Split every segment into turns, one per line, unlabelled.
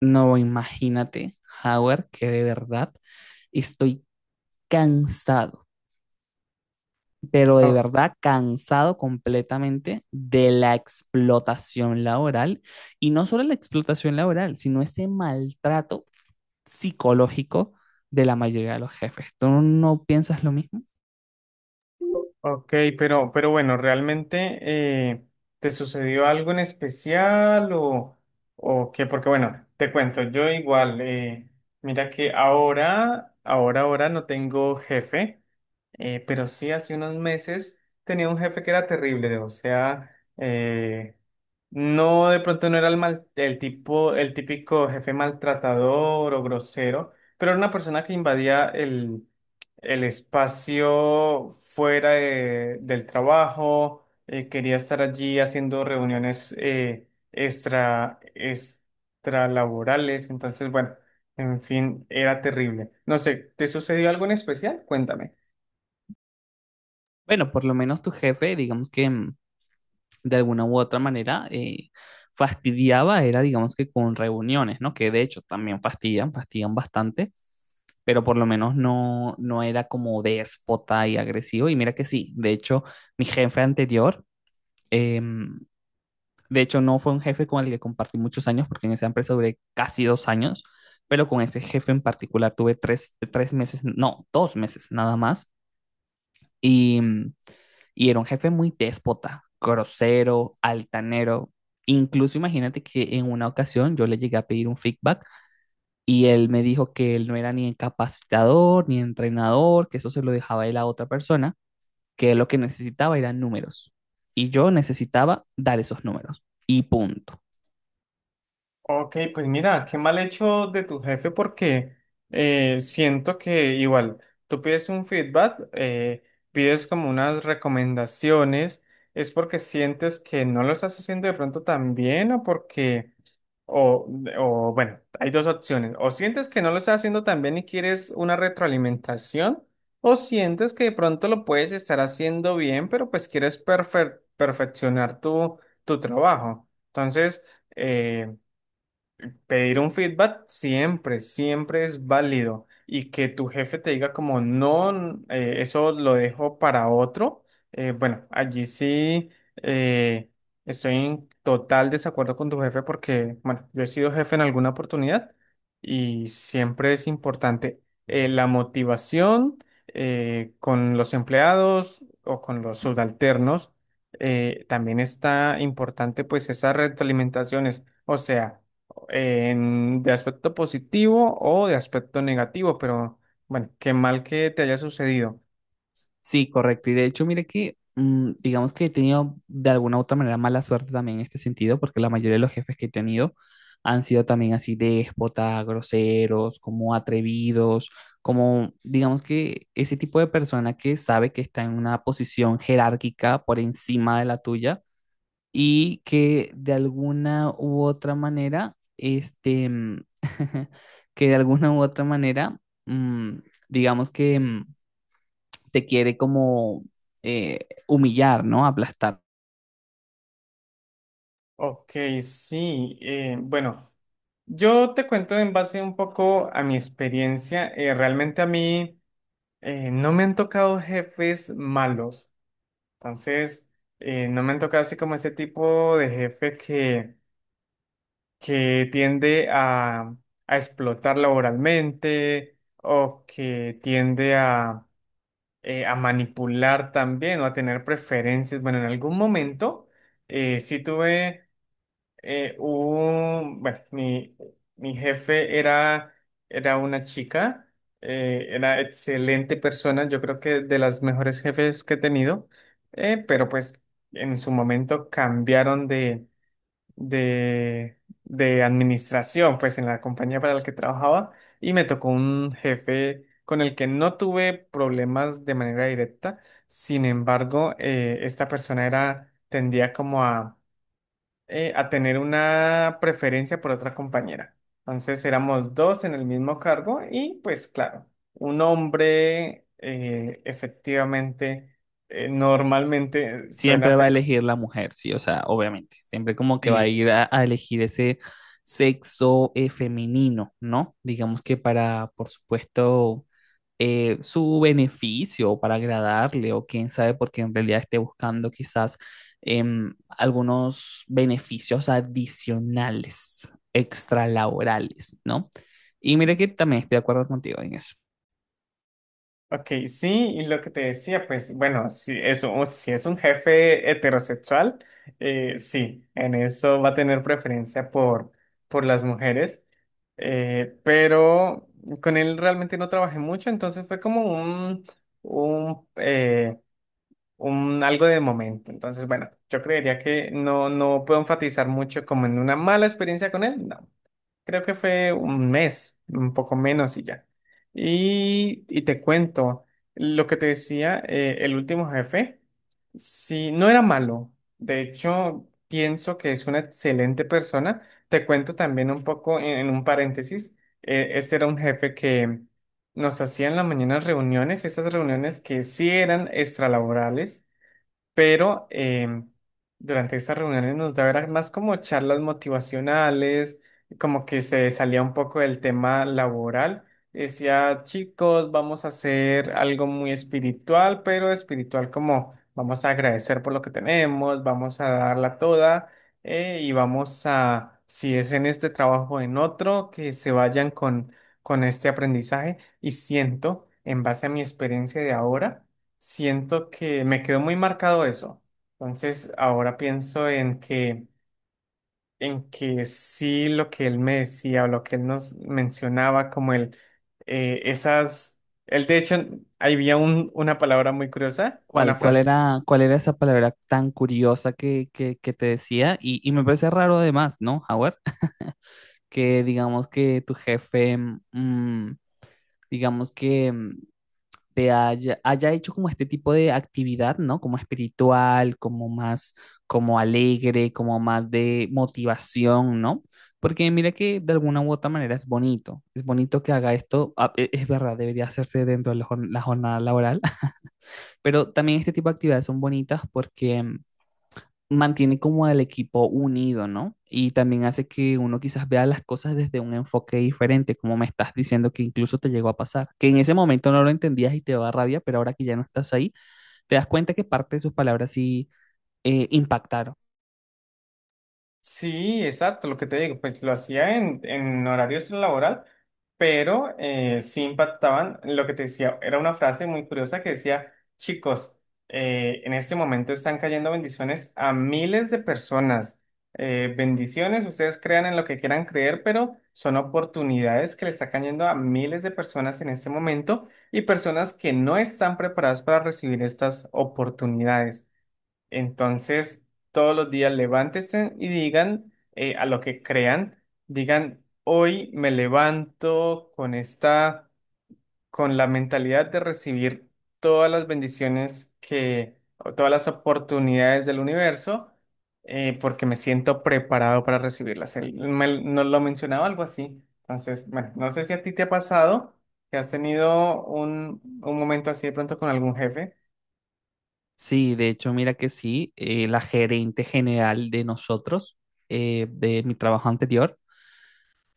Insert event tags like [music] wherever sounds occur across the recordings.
No, imagínate, Howard, que de verdad estoy cansado, pero de
O-
verdad cansado completamente de la explotación laboral y no solo la explotación laboral, sino ese maltrato psicológico de la mayoría de los jefes. ¿Tú no piensas lo mismo?
Ok, pero, bueno, ¿realmente te sucedió algo en especial o qué? Porque bueno, te cuento, yo igual, mira que ahora no tengo jefe, pero sí hace unos meses tenía un jefe que era terrible, o sea, eh, no, de pronto no era el, mal, el tipo, el típico jefe maltratador o grosero, pero era una persona que invadía el espacio fuera del trabajo, quería estar allí haciendo reuniones extralaborales, entonces, bueno, en fin, era terrible. No sé, ¿te sucedió algo en especial? Cuéntame.
Bueno, por lo menos tu jefe, digamos que de alguna u otra manera fastidiaba era, digamos que con reuniones, ¿no? Que de hecho también fastidian bastante, pero por lo menos no era como déspota y agresivo. Y mira que sí, de hecho, mi jefe anterior, eh, de hecho no fue un jefe con el que compartí muchos años, porque en esa empresa duré casi 2 años, pero con ese jefe en particular tuve tres meses, no, 2 meses nada más. Y y era un jefe muy déspota, grosero, altanero. Incluso imagínate que en una ocasión yo le llegué a pedir un feedback y él me dijo que él no era ni capacitador ni entrenador, que eso se lo dejaba él a otra persona, que él lo que necesitaba eran números. Y yo necesitaba dar esos números. Y punto.
Ok, pues mira, qué mal hecho de tu jefe porque siento que igual tú pides un feedback, pides como unas recomendaciones, es porque sientes que no lo estás haciendo de pronto tan bien o porque, o, o bueno, hay dos opciones, o sientes que no lo estás haciendo tan bien y quieres una retroalimentación, o sientes que de pronto lo puedes estar haciendo bien, pero pues quieres perfeccionar tu trabajo. Entonces... eh, pedir un feedback siempre, siempre es válido. Y que tu jefe te diga como, no, eso lo dejo para otro. Bueno, allí sí eh, estoy en total desacuerdo con tu jefe porque, bueno, yo he sido jefe en alguna oportunidad y siempre es importante la motivación con los empleados o con los subalternos. También está importante pues esas retroalimentaciones. O sea, de aspecto positivo o de aspecto negativo, pero bueno, qué mal que te haya sucedido.
Sí, correcto. Y de hecho, mire que, digamos que he tenido de alguna u otra manera mala suerte también en este sentido, porque la mayoría de los jefes que he tenido han sido también así déspotas, groseros, como atrevidos, como, digamos que ese tipo de persona que sabe que está en una posición jerárquica por encima de la tuya y que de alguna u otra manera, [laughs] que de alguna u otra manera, mm, digamos que... mm, te quiere como humillar, ¿no? Aplastar.
Ok, sí, bueno, yo te cuento en base un poco a mi experiencia. Realmente a mí no me han tocado jefes malos, entonces no me han tocado así como ese tipo de jefe que tiende a explotar laboralmente o que tiende a manipular también o a tener preferencias. Bueno, en algún momento sí tuve un, bueno, mi jefe era, era una chica, era excelente persona, yo creo que de las mejores jefes que he tenido, pero pues en su momento cambiaron de, de administración, pues en la compañía para la que trabajaba, y me tocó un jefe con el que no tuve problemas de manera directa, sin embargo, esta persona era, tendía como a tener una preferencia por otra compañera. Entonces éramos dos en el mismo cargo y pues claro, un hombre efectivamente, normalmente suena
Siempre va
feo.
a elegir la mujer, sí, o sea, obviamente. Siempre como que va a
Sí,
ir a elegir ese sexo femenino, ¿no? Digamos que para, por supuesto, su beneficio, o para agradarle, o quién sabe, porque en realidad esté buscando quizás algunos beneficios adicionales, extralaborales, ¿no? Y mira que también estoy de acuerdo contigo en eso.
ok, sí, y lo que te decía, pues bueno, si es, si es un jefe heterosexual, sí, en eso va a tener preferencia por las mujeres, pero con él realmente no trabajé mucho, entonces fue como un, un, eh, un algo de momento. Entonces, bueno, yo creería que no, no puedo enfatizar mucho como en una mala experiencia con él, no. Creo que fue un mes, un poco menos y ya. Y te cuento, lo que te decía, el último jefe, sí, no era malo. De hecho, pienso que es una excelente persona. Te cuento también un poco en un paréntesis. Este era un jefe que nos hacía en la mañana reuniones, esas reuniones que sí eran extralaborales pero durante estas reuniones nos daba era más como charlas motivacionales, como que se salía un poco del tema laboral. Decía, chicos, vamos a hacer algo muy espiritual, pero espiritual como vamos a agradecer por lo que tenemos, vamos a darla toda y vamos a, si es en este trabajo o en otro, que se vayan con este aprendizaje. Y siento, en base a mi experiencia de ahora, siento que me quedó muy marcado eso. Entonces, ahora pienso en que sí lo que él me decía o lo que él nos mencionaba, como el, esas, él de hecho, ahí había una palabra muy curiosa, una
¿Cuál
frase.
era, cuál era esa palabra tan curiosa que te decía? Y me parece raro además, ¿no, Howard? [laughs] Que digamos que tu jefe, mm, digamos que te haya, haya hecho como este tipo de actividad, ¿no? Como espiritual, como más, como alegre, como más de motivación, ¿no? Porque mira que de alguna u otra manera es bonito que haga esto, ah, es verdad, debería hacerse dentro de la la jornada laboral pero también este tipo de actividades son bonitas porque mantiene como al equipo unido, ¿no? Y también hace que uno quizás vea las cosas desde un enfoque diferente, como me estás diciendo que incluso te llegó a pasar, que en ese momento no lo entendías y te daba rabia, pero ahora que ya no estás ahí, te das cuenta que parte de sus palabras sí impactaron.
Sí, exacto, lo que te digo, pues lo hacía en horario laboral, pero sí impactaban, lo que te decía, era una frase muy curiosa que decía, chicos, en este momento están cayendo bendiciones a miles de personas. Bendiciones, ustedes crean en lo que quieran creer, pero son oportunidades que le están cayendo a miles de personas en este momento y personas que no están preparadas para recibir estas oportunidades. Entonces, todos los días levántense y digan a lo que crean, digan, hoy me levanto con esta, con la mentalidad de recibir todas las bendiciones que, o todas las oportunidades del universo, porque me siento preparado para recibirlas. Nos lo mencionaba algo así. Entonces, bueno, no sé si a ti te ha pasado que has tenido un momento así de pronto con algún jefe.
Sí, de hecho, mira que sí, la gerente general de nosotros, de mi trabajo anterior,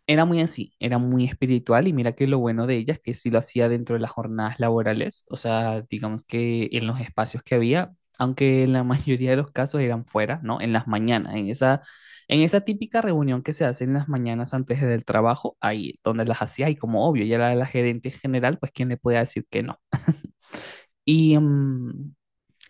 era muy así, era muy espiritual y mira que lo bueno de ella es que sí lo hacía dentro de las jornadas laborales, o sea, digamos que en los espacios que había, aunque en la [laughs] mayoría de los casos eran fuera, ¿no? En las mañanas, en esa típica reunión que se hace en las mañanas antes del trabajo, ahí donde las hacía y como obvio, ella era la gerente general, pues quién le podía decir que no. Y,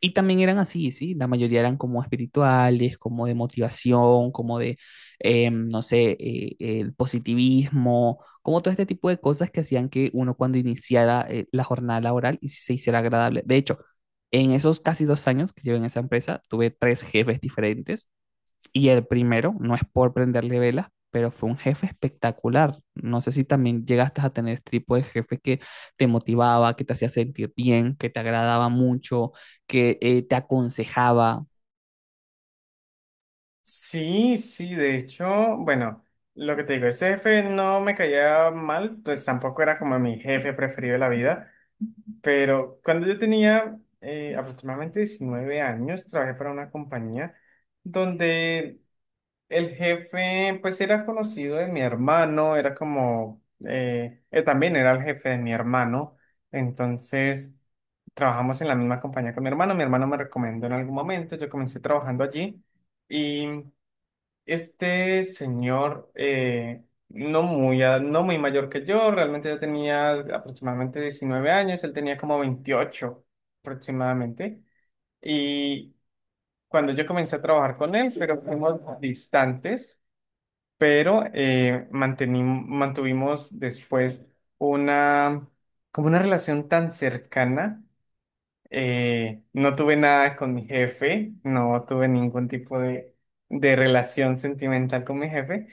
y también eran así, ¿sí? La mayoría eran como espirituales, como de motivación, como de, no sé, el positivismo, como todo este tipo de cosas que hacían que uno cuando iniciara la jornada laboral y se hiciera agradable. De hecho, en esos casi 2 años que llevo en esa empresa, tuve tres jefes diferentes y el primero, no es por prenderle velas, pero fue un jefe espectacular. No sé si también llegaste a tener este tipo de jefe que te motivaba, que te hacía sentir bien, que te agradaba mucho, que te aconsejaba.
Sí, sí, de hecho, bueno, lo que te digo, ese jefe no me caía mal, pues tampoco era como mi jefe preferido de la vida, pero cuando yo tenía aproximadamente 19 años, trabajé para una compañía donde el jefe, pues era conocido de mi hermano, era como, él también era el jefe de mi hermano, entonces trabajamos en la misma compañía con mi hermano me recomendó en algún momento, yo comencé trabajando allí. Y este señor, no muy, no muy mayor que yo, realmente ya tenía aproximadamente 19 años, él tenía como 28 aproximadamente. Y cuando yo comencé a trabajar con él, pero fuimos distantes, pero mantuvimos después una, como una relación tan cercana. No tuve nada con mi jefe, no tuve ningún tipo de relación sentimental con mi jefe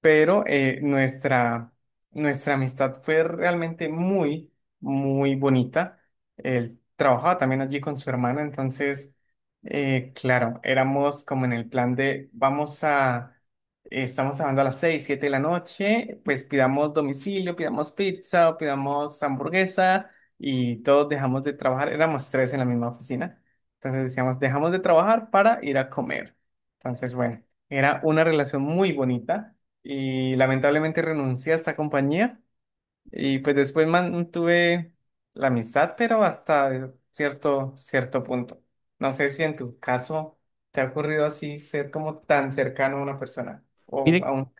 pero nuestra amistad fue realmente muy, muy bonita. Él trabajaba también allí con su hermana, entonces, claro, éramos como en el plan de vamos a, estamos trabajando a las 6 7 de la noche, pues pidamos domicilio, pidamos pizza, o pidamos hamburguesa y todos dejamos de trabajar, éramos tres en la misma oficina, entonces decíamos, dejamos de trabajar para ir a comer. Entonces, bueno, era una relación muy bonita y lamentablemente renuncié a esta compañía y pues después mantuve la amistad, pero hasta cierto, cierto punto. No sé si en tu caso te ha ocurrido así ser como tan cercano a una persona o
Mire,
a un...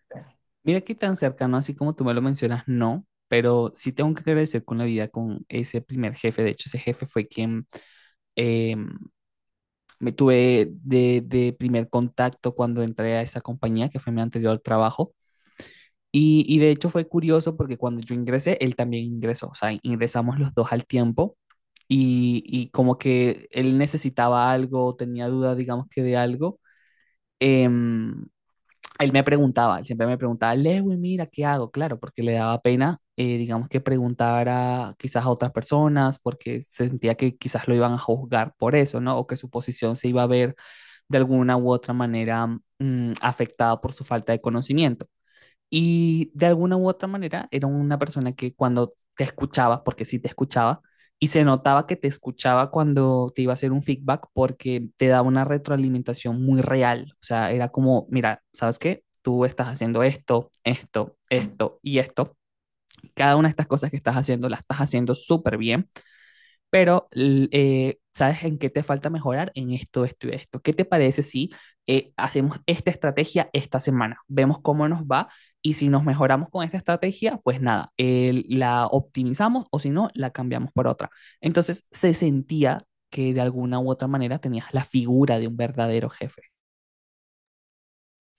mira qué tan cercano, así como tú me lo mencionas, no, pero sí tengo que agradecer con la vida con ese primer jefe. De hecho, ese jefe fue quien eh, me tuve de primer contacto cuando entré a esa compañía, que fue mi anterior trabajo. Y de hecho fue curioso porque cuando yo ingresé, él también ingresó, o sea, ingresamos los dos al tiempo y como que él necesitaba algo, tenía duda, digamos que de algo, em, él me preguntaba, él siempre me preguntaba, Lewin, mira, ¿qué hago? Claro, porque le daba pena, digamos que preguntar a quizás a otras personas porque sentía que quizás lo iban a juzgar por eso, ¿no? O que su posición se iba a ver de alguna u otra manera afectada por su falta de conocimiento. Y de alguna u otra manera era una persona que cuando te escuchaba, porque sí te escuchaba, y se notaba que te escuchaba cuando te iba a hacer un feedback porque te daba una retroalimentación muy real. O sea, era como, mira, ¿sabes qué? Tú estás haciendo esto, esto, esto y esto. Cada una de estas cosas que estás haciendo las estás haciendo súper bien pero ¿sabes en qué te falta mejorar? En esto, esto y esto. ¿Qué te parece si hacemos esta estrategia esta semana? Vemos cómo nos va y si nos mejoramos con esta estrategia, pues nada, la optimizamos o si no, la cambiamos por otra. Entonces se sentía que de alguna u otra manera tenías la figura de un verdadero jefe.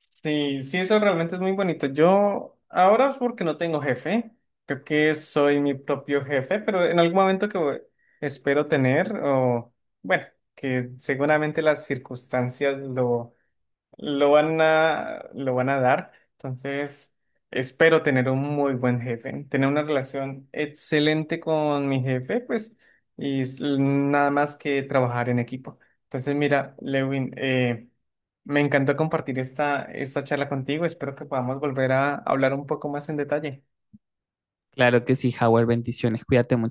Sí, sí, eso realmente es muy bonito. Yo ahora es porque no tengo jefe, creo que soy mi propio jefe, pero en algún momento que espero tener o bueno, que seguramente las circunstancias lo van a dar. Entonces, espero tener un muy buen jefe, tener una relación excelente con mi jefe, pues, y nada más que trabajar en equipo. Entonces, mira, Lewin, me encantó compartir esta, esta charla contigo. Espero que podamos volver a hablar un poco más en detalle.
Claro que sí, Howard, bendiciones, cuídate mucho.